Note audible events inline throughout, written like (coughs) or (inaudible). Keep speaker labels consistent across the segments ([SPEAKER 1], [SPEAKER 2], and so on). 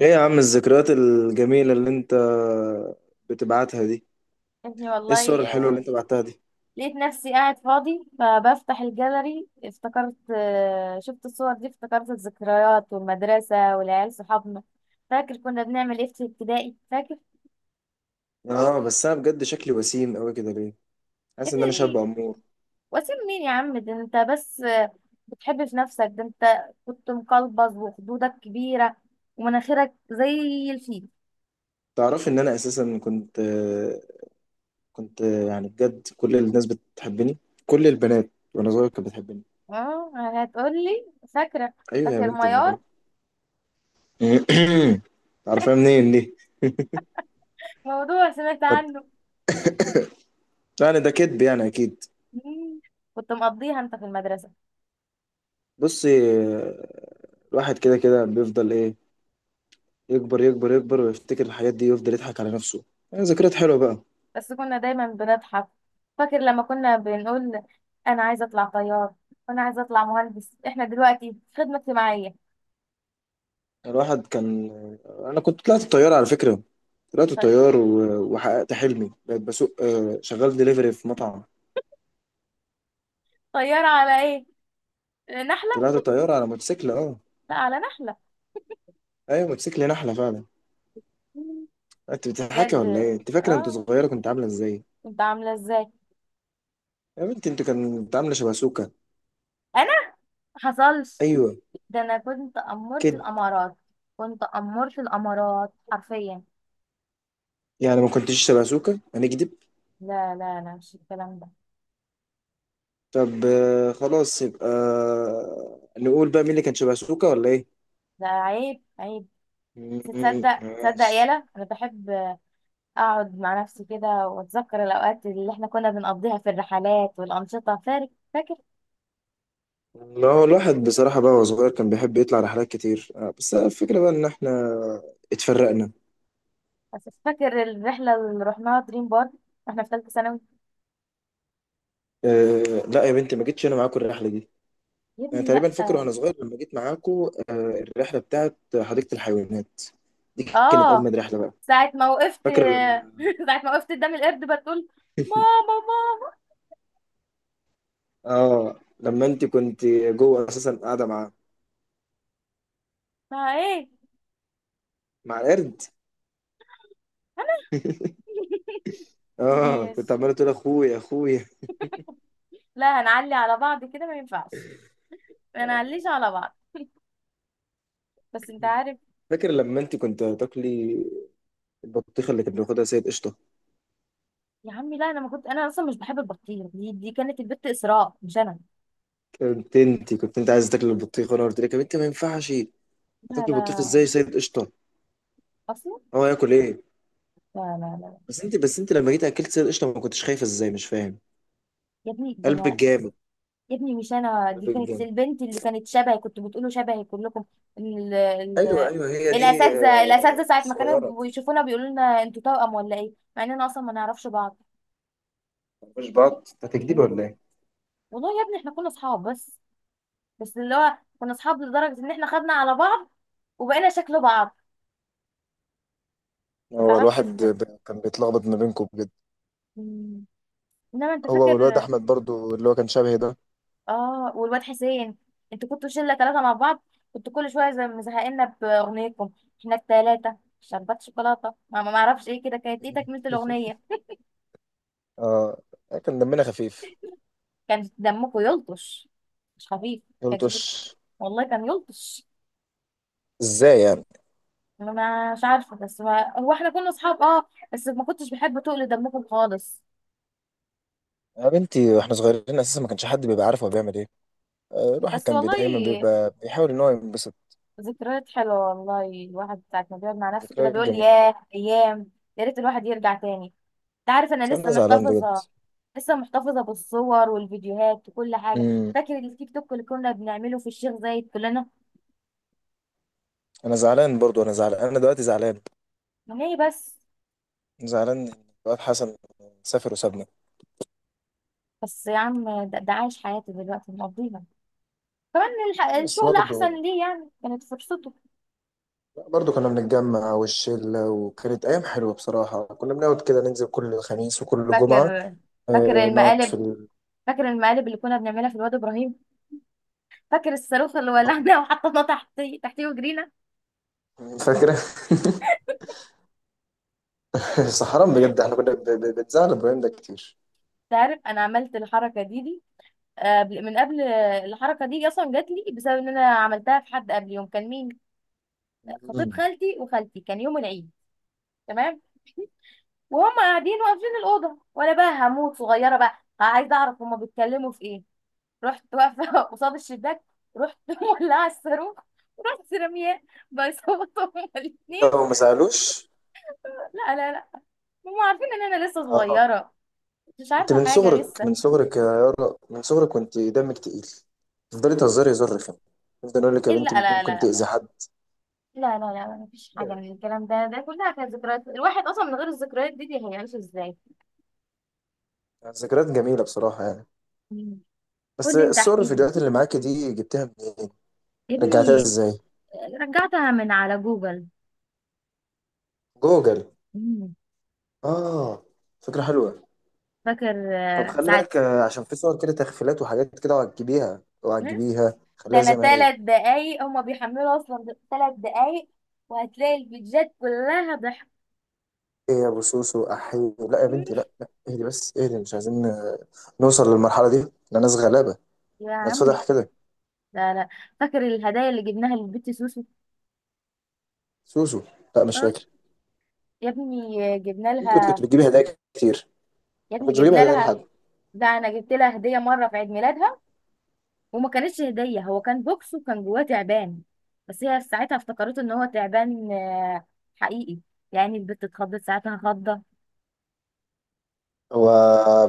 [SPEAKER 1] ايه يا عم الذكريات الجميلة اللي انت بتبعتها دي؟
[SPEAKER 2] اني
[SPEAKER 1] ايه الصور
[SPEAKER 2] والله
[SPEAKER 1] الحلوة اللي انت بعتها دي؟
[SPEAKER 2] لقيت نفسي قاعد فاضي فبفتح الجاليري افتكرت شفت الصور دي افتكرت الذكريات والمدرسة والعيال صحابنا. فاكر كنا بنعمل ايه في ابتدائي؟ فاكر.
[SPEAKER 1] اه، بس انا بجد شكلي وسيم قوي كده ليه؟
[SPEAKER 2] يا
[SPEAKER 1] حاسس ان
[SPEAKER 2] ابني
[SPEAKER 1] انا شاب
[SPEAKER 2] دي-
[SPEAKER 1] امور.
[SPEAKER 2] وسيم مين يا عم؟ ده انت بس بتحب في نفسك. ده انت كنت مقلبظ وخدودك كبيرة ومناخيرك زي الفيل.
[SPEAKER 1] تعرف ان انا اساسا كنت يعني بجد كل الناس بتحبني. كل البنات وانا صغير كانت بتحبني.
[SPEAKER 2] اه، هتقولي فاكرة؟
[SPEAKER 1] ايوه يا
[SPEAKER 2] فاكر
[SPEAKER 1] بنت
[SPEAKER 2] ميار؟
[SPEAKER 1] الملاك. (coughs) تعرفها (clears throat) منين دي؟
[SPEAKER 2] موضوع سمعت
[SPEAKER 1] طب
[SPEAKER 2] عنه.
[SPEAKER 1] يعني ده كدب يعني اكيد.
[SPEAKER 2] مم. كنت مقضيها انت في المدرسة.
[SPEAKER 1] بصي، الواحد كده كده بيفضل ايه؟ يكبر يكبر يكبر ويفتكر الحاجات دي ويفضل يضحك على نفسه. يعني ذكريات حلوة بقى.
[SPEAKER 2] بس كنا دايما بنضحك. فاكر لما كنا بنقول: انا عايزه اطلع طيار وانا عايزه اطلع مهندس، احنا دلوقتي في خدمه اجتماعيه.
[SPEAKER 1] الواحد كان... انا كنت طلعت الطياره على فكره. طلعت
[SPEAKER 2] طيب،
[SPEAKER 1] الطيار و... وحققت حلمي، بقيت بسوق، شغال دليفري في مطعم.
[SPEAKER 2] طياره على ايه؟ نحله؟
[SPEAKER 1] طلعت الطياره على موتوسيكل، اه.
[SPEAKER 2] لا، على نحله.
[SPEAKER 1] ايوه موتوسيكل نحله فعلا. انت بتضحكي ولا
[SPEAKER 2] بجد؟
[SPEAKER 1] ايه؟ انت فاكره انت
[SPEAKER 2] اه،
[SPEAKER 1] صغيره كنت عامله ازاي؟
[SPEAKER 2] كنت عامله ازاي؟
[SPEAKER 1] يا بنتي انت كنت عامله شباسوكه.
[SPEAKER 2] انا حصلش؟
[SPEAKER 1] ايوه،
[SPEAKER 2] ده انا كنت امرت
[SPEAKER 1] كده.
[SPEAKER 2] الامارات، كنت امرت الامارات حرفيا.
[SPEAKER 1] يعني ما كنتش شباسوكه هنكدب.
[SPEAKER 2] لا لا لا، مش الكلام ده.
[SPEAKER 1] طب خلاص، يبقى نقول بقى مين اللي كان شباسوكه ولا ايه.
[SPEAKER 2] ده عيب، عيب. بس
[SPEAKER 1] مم،
[SPEAKER 2] تصدق، تصدق،
[SPEAKER 1] ماشي.
[SPEAKER 2] يالا انا بحب اقعد مع نفسي كده واتذكر الاوقات اللي احنا كنا بنقضيها في الرحلات والانشطه. فاكر؟
[SPEAKER 1] لا، هو الواحد بصراحة بقى وهو صغير كان بيحب يطلع رحلات كتير، بس الفكرة بقى إن إحنا اتفرقنا.
[SPEAKER 2] فاكر الرحله اللي رحناها دريم بارك واحنا في ثالثه ثانوي؟
[SPEAKER 1] اه لا يا بنتي، ما جيتش أنا معاكم الرحلة دي.
[SPEAKER 2] يا
[SPEAKER 1] أنا
[SPEAKER 2] ابني لا.
[SPEAKER 1] تقريبا فاكر وأنا صغير لما جيت معاكم. آه، الرحلة بتاعت حديقة الحيوانات دي كانت
[SPEAKER 2] اه،
[SPEAKER 1] أجمد رحلة بقى.
[SPEAKER 2] ساعه ما وقفت (laughs)
[SPEAKER 1] فاكرة لما...
[SPEAKER 2] ساعه ما وقفت قدام القرد بتقول: ماما، ماما.
[SPEAKER 1] آه لما أنت كنت جوه أساسا قاعدة مع...
[SPEAKER 2] ما ايه؟
[SPEAKER 1] مع القرد.
[SPEAKER 2] انا؟ (laughs)
[SPEAKER 1] آه كنت
[SPEAKER 2] ماشي.
[SPEAKER 1] عمالة تقول أخويا أخويا.
[SPEAKER 2] لا، هنعلي على بعض كده؟ ما ينفعش، ما
[SPEAKER 1] آه،
[SPEAKER 2] نعليش على بعض. بس انت عارف؟
[SPEAKER 1] فاكر لما أنت كنت تاكلي البطيخة اللي كانت بياخدها سيد قشطة.
[SPEAKER 2] يا عمي لا، انا ما كنت، انا اصلا مش بحب البطيخ، دي كانت البت اسراء مش انا.
[SPEAKER 1] كنت انت عايز تاكل البطيخ، وانا قلت لك يا بنتي ما ينفعش.
[SPEAKER 2] لا
[SPEAKER 1] هتاكل البطيخ
[SPEAKER 2] لا.
[SPEAKER 1] ازاي سيد قشطه؟
[SPEAKER 2] اصلا.
[SPEAKER 1] هو ياكل ايه؟
[SPEAKER 2] لا لا لا.
[SPEAKER 1] بس انت لما جيت اكلت سيد قشطه، ما كنتش خايفه ازاي؟ مش فاهم،
[SPEAKER 2] يا ابني ده
[SPEAKER 1] قلبك
[SPEAKER 2] انا.
[SPEAKER 1] جامد.
[SPEAKER 2] يا ابني مش انا، دي
[SPEAKER 1] قلبك
[SPEAKER 2] كانت
[SPEAKER 1] جامد.
[SPEAKER 2] البنت اللي كانت شبهي، كنت بتقولوا شبهي كلكم. ال...
[SPEAKER 1] ايوه
[SPEAKER 2] ال...
[SPEAKER 1] ايوه، هي دي
[SPEAKER 2] الاساتذه ساعه ما
[SPEAKER 1] الصغيره.
[SPEAKER 2] كانوا بيشوفونا بيقولوا لنا انتوا توأم ولا ايه، مع اننا اصلا ما نعرفش بعض.
[SPEAKER 1] مش بعض، ده تجديد
[SPEAKER 2] م?
[SPEAKER 1] ولا ايه؟
[SPEAKER 2] والله يا ابني احنا كنا اصحاب بس. اللي هو كنا اصحاب لدرجه ان احنا خدنا على بعض وبقينا شكل بعض. ما
[SPEAKER 1] هو
[SPEAKER 2] تعرفش
[SPEAKER 1] الواحد
[SPEAKER 2] ازاي.
[SPEAKER 1] كان بيتلخبط ما بينكم بجد.
[SPEAKER 2] م. انما انت
[SPEAKER 1] هو
[SPEAKER 2] فاكر؟
[SPEAKER 1] والواد احمد برضو اللي هو كان شبهي ده.
[SPEAKER 2] اه، والواد حسين، انتوا كنتوا شله ثلاثه مع بعض، كنتوا كل شويه زي مزهقنا باغنيتكم: احنا الثلاثه شربات شوكولاته ما اعرفش ايه كده، كانت ايه تكمله
[SPEAKER 1] (laughs)
[SPEAKER 2] الاغنيه؟
[SPEAKER 1] اه، كان دمنا خفيف.
[SPEAKER 2] كان دمكم يلطش، مش خفيف. كان
[SPEAKER 1] قلت
[SPEAKER 2] شفت؟
[SPEAKER 1] وش؟
[SPEAKER 2] والله كان يلطش.
[SPEAKER 1] ازاي يعني؟
[SPEAKER 2] انا مش عارفه، بس ما... هو احنا كنا اصحاب اه، بس ما كنتش بحب تقل دمكم خالص.
[SPEAKER 1] يا بنتي واحنا صغيرين اساسا ما كانش حد بيبقى عارف هو بيعمل ايه. الواحد
[SPEAKER 2] بس
[SPEAKER 1] كان دايما
[SPEAKER 2] والله
[SPEAKER 1] بيبقى بيحاول ان هو ينبسط.
[SPEAKER 2] ذكريات حلوه، والله الواحد ساعه ما بيقعد مع نفسه كده
[SPEAKER 1] ذكريات
[SPEAKER 2] بيقول:
[SPEAKER 1] جميله.
[SPEAKER 2] ياه، ايام. يا ريت الواحد يرجع تاني. انت عارف
[SPEAKER 1] بس
[SPEAKER 2] انا
[SPEAKER 1] انا زعلان بجد.
[SPEAKER 2] لسه محتفظه بالصور والفيديوهات وكل حاجه.
[SPEAKER 1] امم
[SPEAKER 2] فاكر التيك توك اللي كنا بنعمله في الشيخ زايد كلنا؟
[SPEAKER 1] انا زعلان برضو، انا زعلان، انا دلوقتي زعلان.
[SPEAKER 2] ليه بس؟
[SPEAKER 1] زعلان ان الواد حسن سافر وسابنا.
[SPEAKER 2] بس يا عم، ده عايش حياتي دلوقتي مقضيها. كمان
[SPEAKER 1] بس
[SPEAKER 2] الشغل
[SPEAKER 1] برضه،
[SPEAKER 2] احسن ليه، يعني كانت فرصته.
[SPEAKER 1] برضه كنا بنتجمع والشلة، وكانت أيام حلوة بصراحة. كنا بنقعد كده ننزل كل خميس وكل جمعة.
[SPEAKER 2] فاكر؟ فاكر
[SPEAKER 1] نقعد في
[SPEAKER 2] المقالب
[SPEAKER 1] ال...
[SPEAKER 2] فاكر المقالب اللي كنا بنعملها في الواد ابراهيم؟ فاكر الصاروخ اللي ولعنا (laughs) وحطيناه تحتيه تحتيه وجرينا؟
[SPEAKER 1] فاكرة؟ (laughs) بس حرام بجد، احنا كنا بنزعل إبراهيم ده كتير.
[SPEAKER 2] انت عارف انا عملت الحركه دي من قبل. الحركه دي اصلا جات لي بسبب ان انا عملتها في حد قبل، يوم كان مين؟ خطيب
[SPEAKER 1] مم.
[SPEAKER 2] خالتي وخالتي، كان يوم العيد. تمام. وهم قاعدين واقفين الاوضه وانا بقى هموت صغيره بقى عايزه اعرف هم بيتكلموا في ايه. رحت واقفه (laughs) قصاد الشباك. رحت (laughs) مولعه الصاروخ. رحت رمياه. بيصوتوا هما الاثنين.
[SPEAKER 1] لو ما زعلوش.
[SPEAKER 2] (laughs) لا لا لا، هم عارفين ان انا لسه
[SPEAKER 1] آه،
[SPEAKER 2] صغيره، مش
[SPEAKER 1] انت
[SPEAKER 2] عارفه
[SPEAKER 1] من
[SPEAKER 2] حاجه
[SPEAKER 1] صغرك،
[SPEAKER 2] لسه.
[SPEAKER 1] من صغرك يا يارا، من صغرك كنت دمك تقيل. تفضلي تهزري هزار رخم. تفضل اقول لك يا
[SPEAKER 2] ايه؟
[SPEAKER 1] بنتي
[SPEAKER 2] لا لا
[SPEAKER 1] ممكن
[SPEAKER 2] لا لا.
[SPEAKER 1] تأذي حد.
[SPEAKER 2] لا لا لا، مفيش حاجه من الكلام ده، ده كلها كانت ذكريات، الواحد اصلا من غير الذكريات دي هيعيش ازاي؟
[SPEAKER 1] ذكريات جميلة بصراحة يعني.
[SPEAKER 2] مم.
[SPEAKER 1] بس
[SPEAKER 2] قولي انت،
[SPEAKER 1] الصور
[SPEAKER 2] احكي لي
[SPEAKER 1] الفيديوهات اللي معاكي دي جبتها منين؟
[SPEAKER 2] يا
[SPEAKER 1] رجعتها
[SPEAKER 2] ابني.
[SPEAKER 1] ازاي؟
[SPEAKER 2] رجعتها من على جوجل.
[SPEAKER 1] جوجل.
[SPEAKER 2] مم.
[SPEAKER 1] اه، فكرة حلوة.
[SPEAKER 2] فاكر
[SPEAKER 1] طب خلي
[SPEAKER 2] ساعة؟
[SPEAKER 1] بالك، عشان في صور كده تخفيلات وحاجات كده، وعجبيها
[SPEAKER 2] مم.
[SPEAKER 1] وعجبيها
[SPEAKER 2] ده
[SPEAKER 1] خليها
[SPEAKER 2] انا
[SPEAKER 1] زي ما هي.
[SPEAKER 2] 3 دقايق هما بيحملوا اصلا، 3 دقايق وهتلاقي الفيديوهات كلها ضحك.
[SPEAKER 1] ايه يا ابو سوسو احي. لا يا
[SPEAKER 2] مم.
[SPEAKER 1] بنتي، لا لا، اهدي بس اهدي، مش عايزين نوصل للمرحلة دي، لا، ناس غلابة.
[SPEAKER 2] يا عمي.
[SPEAKER 1] نتفضح كده.
[SPEAKER 2] لا لا. فاكر الهدايا اللي جبناها للبت سوسو؟
[SPEAKER 1] سوسو. لا مش
[SPEAKER 2] اه،
[SPEAKER 1] فاكر.
[SPEAKER 2] يا ابني جبنا
[SPEAKER 1] انت كنت
[SPEAKER 2] لها.
[SPEAKER 1] بتجيبي هدايا كتير.
[SPEAKER 2] يا
[SPEAKER 1] ما كنتش
[SPEAKER 2] ابني
[SPEAKER 1] بجيب
[SPEAKER 2] جبنا
[SPEAKER 1] هدايا
[SPEAKER 2] لها.
[SPEAKER 1] لحد.
[SPEAKER 2] ده انا جبت لها هديه مره في عيد ميلادها، وما كانتش هديه، هو كان بوكس وكان جواه تعبان. بس هي ساعتها افتكرته ان هو تعبان حقيقي، يعني البت اتخضت ساعتها خضه
[SPEAKER 1] هو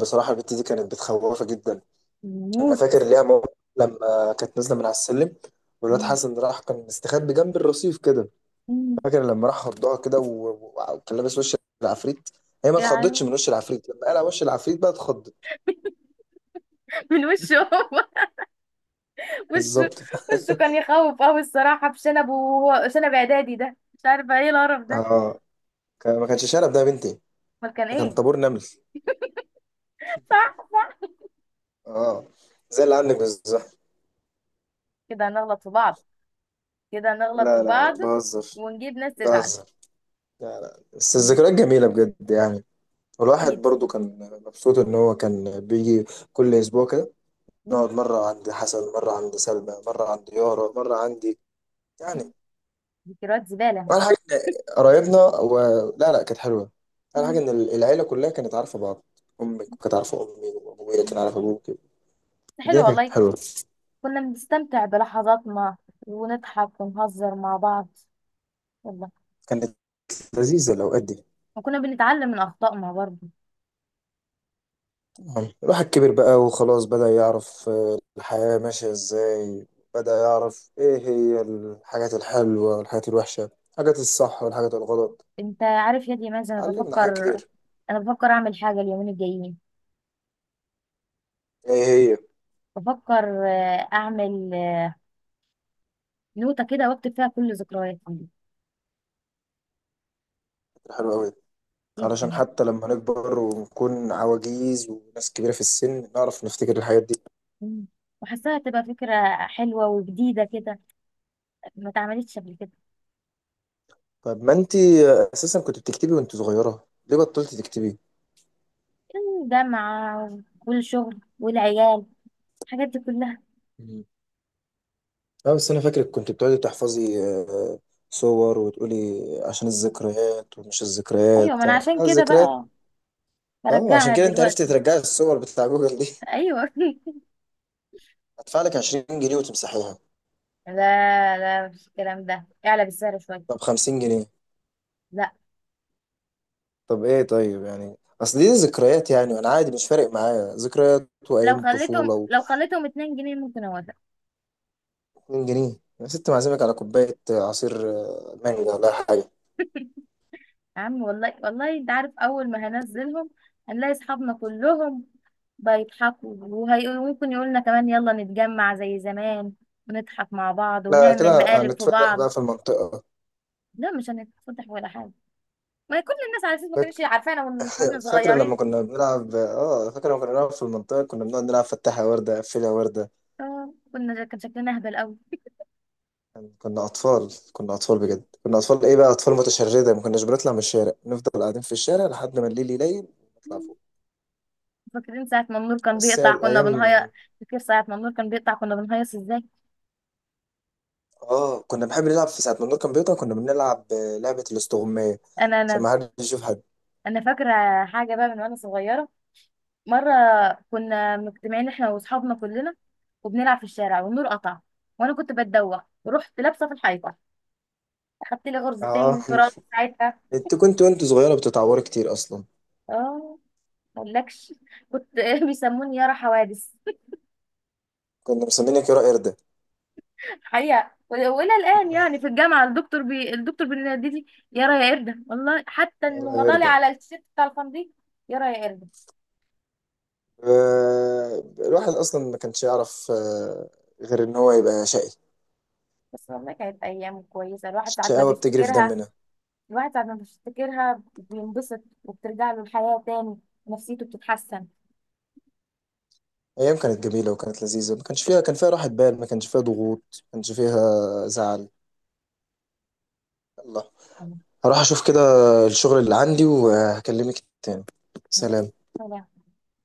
[SPEAKER 1] بصراحه البت دي كانت بتخوفه جدا. انا
[SPEAKER 2] موت.
[SPEAKER 1] فاكر ليها موقف لما كانت نازله من على السلم، والواد
[SPEAKER 2] مم.
[SPEAKER 1] حسن راح كان مستخبي جنب الرصيف كده.
[SPEAKER 2] مم.
[SPEAKER 1] فاكر لما راح خضها كده، و- و- وكان لابس وش العفريت. هي ما اتخضتش
[SPEAKER 2] يعني
[SPEAKER 1] من وش العفريت، لما قلع وش العفريت بقى اتخضت.
[SPEAKER 2] من وشه هو. (laughs) وشه.
[SPEAKER 1] بالظبط. (laughs)
[SPEAKER 2] وشه كان يخوف قوي الصراحة بشنبه، وهو شنب اعدادي ده، مش عارفة ايه القرف ده.
[SPEAKER 1] اه، ما كانش شنب ده يا بنتي.
[SPEAKER 2] امال كان
[SPEAKER 1] ده كان
[SPEAKER 2] ايه؟
[SPEAKER 1] طابور نمل.
[SPEAKER 2] صح، صح.
[SPEAKER 1] اه، زي اللي عندك بالظبط.
[SPEAKER 2] كده هنغلط في بعض، كده هنغلط في
[SPEAKER 1] لا لا لا
[SPEAKER 2] بعض
[SPEAKER 1] بهزر،
[SPEAKER 2] ونجيب ناس تزعل.
[SPEAKER 1] بهزر. لا لا، بس
[SPEAKER 2] مم.
[SPEAKER 1] الذكريات جميلة بجد يعني. والواحد
[SPEAKER 2] اكيد.
[SPEAKER 1] برضو كان مبسوط إن هو كان بيجي كل أسبوع كده.
[SPEAKER 2] مم.
[SPEAKER 1] نقعد مرة عند حسن، مرة عند سلمى، مرة عند يارا، مرة عندي. يعني
[SPEAKER 2] ذكريات زبالة.
[SPEAKER 1] أول حاجة إن قرايبنا و... لا لا، كانت حلوة. أول حاجة إن
[SPEAKER 2] بس
[SPEAKER 1] العيلة كلها كانت عارفة بعض. أمك كانت عارفة أمي، وأبويا كان عارف أبوك. الدنيا
[SPEAKER 2] حلو
[SPEAKER 1] كانت
[SPEAKER 2] والله،
[SPEAKER 1] حلوة.
[SPEAKER 2] كنا بنستمتع بلحظاتنا ونضحك ونهزر مع بعض والله.
[SPEAKER 1] كانت لذيذة الأوقات دي.
[SPEAKER 2] وكنا بنتعلم من أخطائنا برضه.
[SPEAKER 1] نعم. الواحد كبر بقى وخلاص، بدأ يعرف الحياة ماشية ازاي. بدأ يعرف ايه هي الحاجات الحلوة والحاجات الوحشة، الحاجات الصح والحاجات الغلط.
[SPEAKER 2] انت عارف يا دي مازن،
[SPEAKER 1] علمنا حاجات كتير.
[SPEAKER 2] انا بفكر اعمل حاجة اليومين الجايين.
[SPEAKER 1] ايه هي؟
[SPEAKER 2] بفكر اعمل نوتة كده واكتب فيها كل ذكرياتي.
[SPEAKER 1] الحلوة أوي. علشان
[SPEAKER 2] جدا.
[SPEAKER 1] حتى لما نكبر ونكون عواجيز وناس كبيرة في السن نعرف نفتكر الحاجات دي.
[SPEAKER 2] مم. وحاساها تبقى فكرة حلوة وجديدة كده، ما اتعملتش قبل كده.
[SPEAKER 1] طب ما انتي أساسا كنت بتكتبي وانت صغيرة، ليه بطلتي تكتبي؟
[SPEAKER 2] الجامعة والشغل والعيال، الحاجات دي كلها.
[SPEAKER 1] لا، بس انا فاكرك كنت بتقعدي تحفظي صور، وتقولي عشان الذكريات، ومش
[SPEAKER 2] ايوه، ما
[SPEAKER 1] الذكريات
[SPEAKER 2] انا عشان كده
[SPEAKER 1] الذكريات.
[SPEAKER 2] بقى
[SPEAKER 1] اه، عشان
[SPEAKER 2] برجعها
[SPEAKER 1] كده انت عرفتي
[SPEAKER 2] دلوقتي.
[SPEAKER 1] ترجعي الصور بتاع جوجل دي. (laughs)
[SPEAKER 2] ايوه. (laughs)
[SPEAKER 1] هدفع لك 20 جنيه وتمسحيها.
[SPEAKER 2] لا لا، مش الكلام ده، اعلى بالسعر شوية.
[SPEAKER 1] طب 50 جنيه.
[SPEAKER 2] لا.
[SPEAKER 1] طب ايه؟ طيب يعني اصل دي ذكريات يعني، وانا عادي مش فارق معايا ذكريات وايام طفوله و...
[SPEAKER 2] لو خليتهم 2 جنيه ممكن اوافق.
[SPEAKER 1] 2 جنيه يا ست، معزمك على كوبايه عصير مانجا ولا حاجه.
[SPEAKER 2] يا عم والله، والله انت عارف اول ما هنزلهم هنلاقي اصحابنا كلهم بيضحكوا، وممكن يقولنا كمان يلا نتجمع زي زمان، ونضحك مع بعض
[SPEAKER 1] لا،
[SPEAKER 2] ونعمل
[SPEAKER 1] كده
[SPEAKER 2] مقالب في
[SPEAKER 1] هنتفضح
[SPEAKER 2] بعض.
[SPEAKER 1] بقى في المنطقه.
[SPEAKER 2] لا، مش هنتفضح ولا حاجه، ما كل الناس على اساس ما كانتش عارفانا واحنا
[SPEAKER 1] فاكر لما
[SPEAKER 2] صغيرين.
[SPEAKER 1] كنا بنلعب؟ اه، فاكر لما كنا بنلعب في المنطقة كنا بنقعد نلعب فتحها وردة قفلها وردة.
[SPEAKER 2] كان شكلنا اهبل قوي.
[SPEAKER 1] يعني كنا أطفال، كنا أطفال بجد،
[SPEAKER 2] (laughs)
[SPEAKER 1] كنا أطفال إيه بقى، أطفال متشردة. ما كناش بنطلع من الشارع، نفضل قاعدين في الشارع لحد ما الليل يليل نطلع فوق.
[SPEAKER 2] فاكرين ساعه ما النور كان
[SPEAKER 1] بس هي
[SPEAKER 2] بيقطع كنا
[SPEAKER 1] الأيام.
[SPEAKER 2] بنهيص؟ فاكر ساعه ما النور كان بيقطع كنا بنهيص ازاي؟
[SPEAKER 1] اه، كنا بنحب نلعب في ساعة ما النور كان بيقطع. كنا بنلعب لعبة الاستغماية
[SPEAKER 2] انا
[SPEAKER 1] عشان
[SPEAKER 2] انا
[SPEAKER 1] ما حدش يشوف حد.
[SPEAKER 2] انا فاكره حاجه بقى من وانا صغيره. مرة كنا مجتمعين احنا واصحابنا كلنا وبنلعب في الشارع، والنور قطع وانا كنت بتدوخ ورحت لابسة في الحيطة، اخدت لي غرزتين من
[SPEAKER 1] اه.
[SPEAKER 2] الفراغ ساعتها.
[SPEAKER 1] (laughs) انت كنت وانت صغيرة بتتعوري كتير أصلا.
[SPEAKER 2] اه. مقولكش، كنت (laughs) بيسموني يارا حوادث. (laughs)
[SPEAKER 1] كنا مسمينك يا قردة.
[SPEAKER 2] حقيقة وإلى الآن يعني
[SPEAKER 1] (laughs)
[SPEAKER 2] في الجامعة، الدكتور بينادي لي يارا يا قردة، والله حتى
[SPEAKER 1] يا
[SPEAKER 2] إنه مضالي
[SPEAKER 1] قردة.
[SPEAKER 2] على التيشيرت بتاع الفندق. يارا يا قردة.
[SPEAKER 1] الواحد اصلا ما كانش يعرف غير ان هو يبقى شقي.
[SPEAKER 2] بس والله كانت أيام كويسة، الواحد ساعات ما
[SPEAKER 1] الشقاوه بتجري في
[SPEAKER 2] بيفتكرها،
[SPEAKER 1] دمنا.
[SPEAKER 2] الواحد ساعة ما بيفتكرها بينبسط وبترجع له الحياة تاني، نفسيته بتتحسن.
[SPEAKER 1] ايام كانت جميله وكانت لذيذه، ما كانش فيها... كان فيها راحه بال، ما كانش فيها ضغوط، ما كانش فيها زعل. الله، هروح اشوف كده الشغل اللي عندي وهكلمك تاني. سلام.
[SPEAKER 2] يا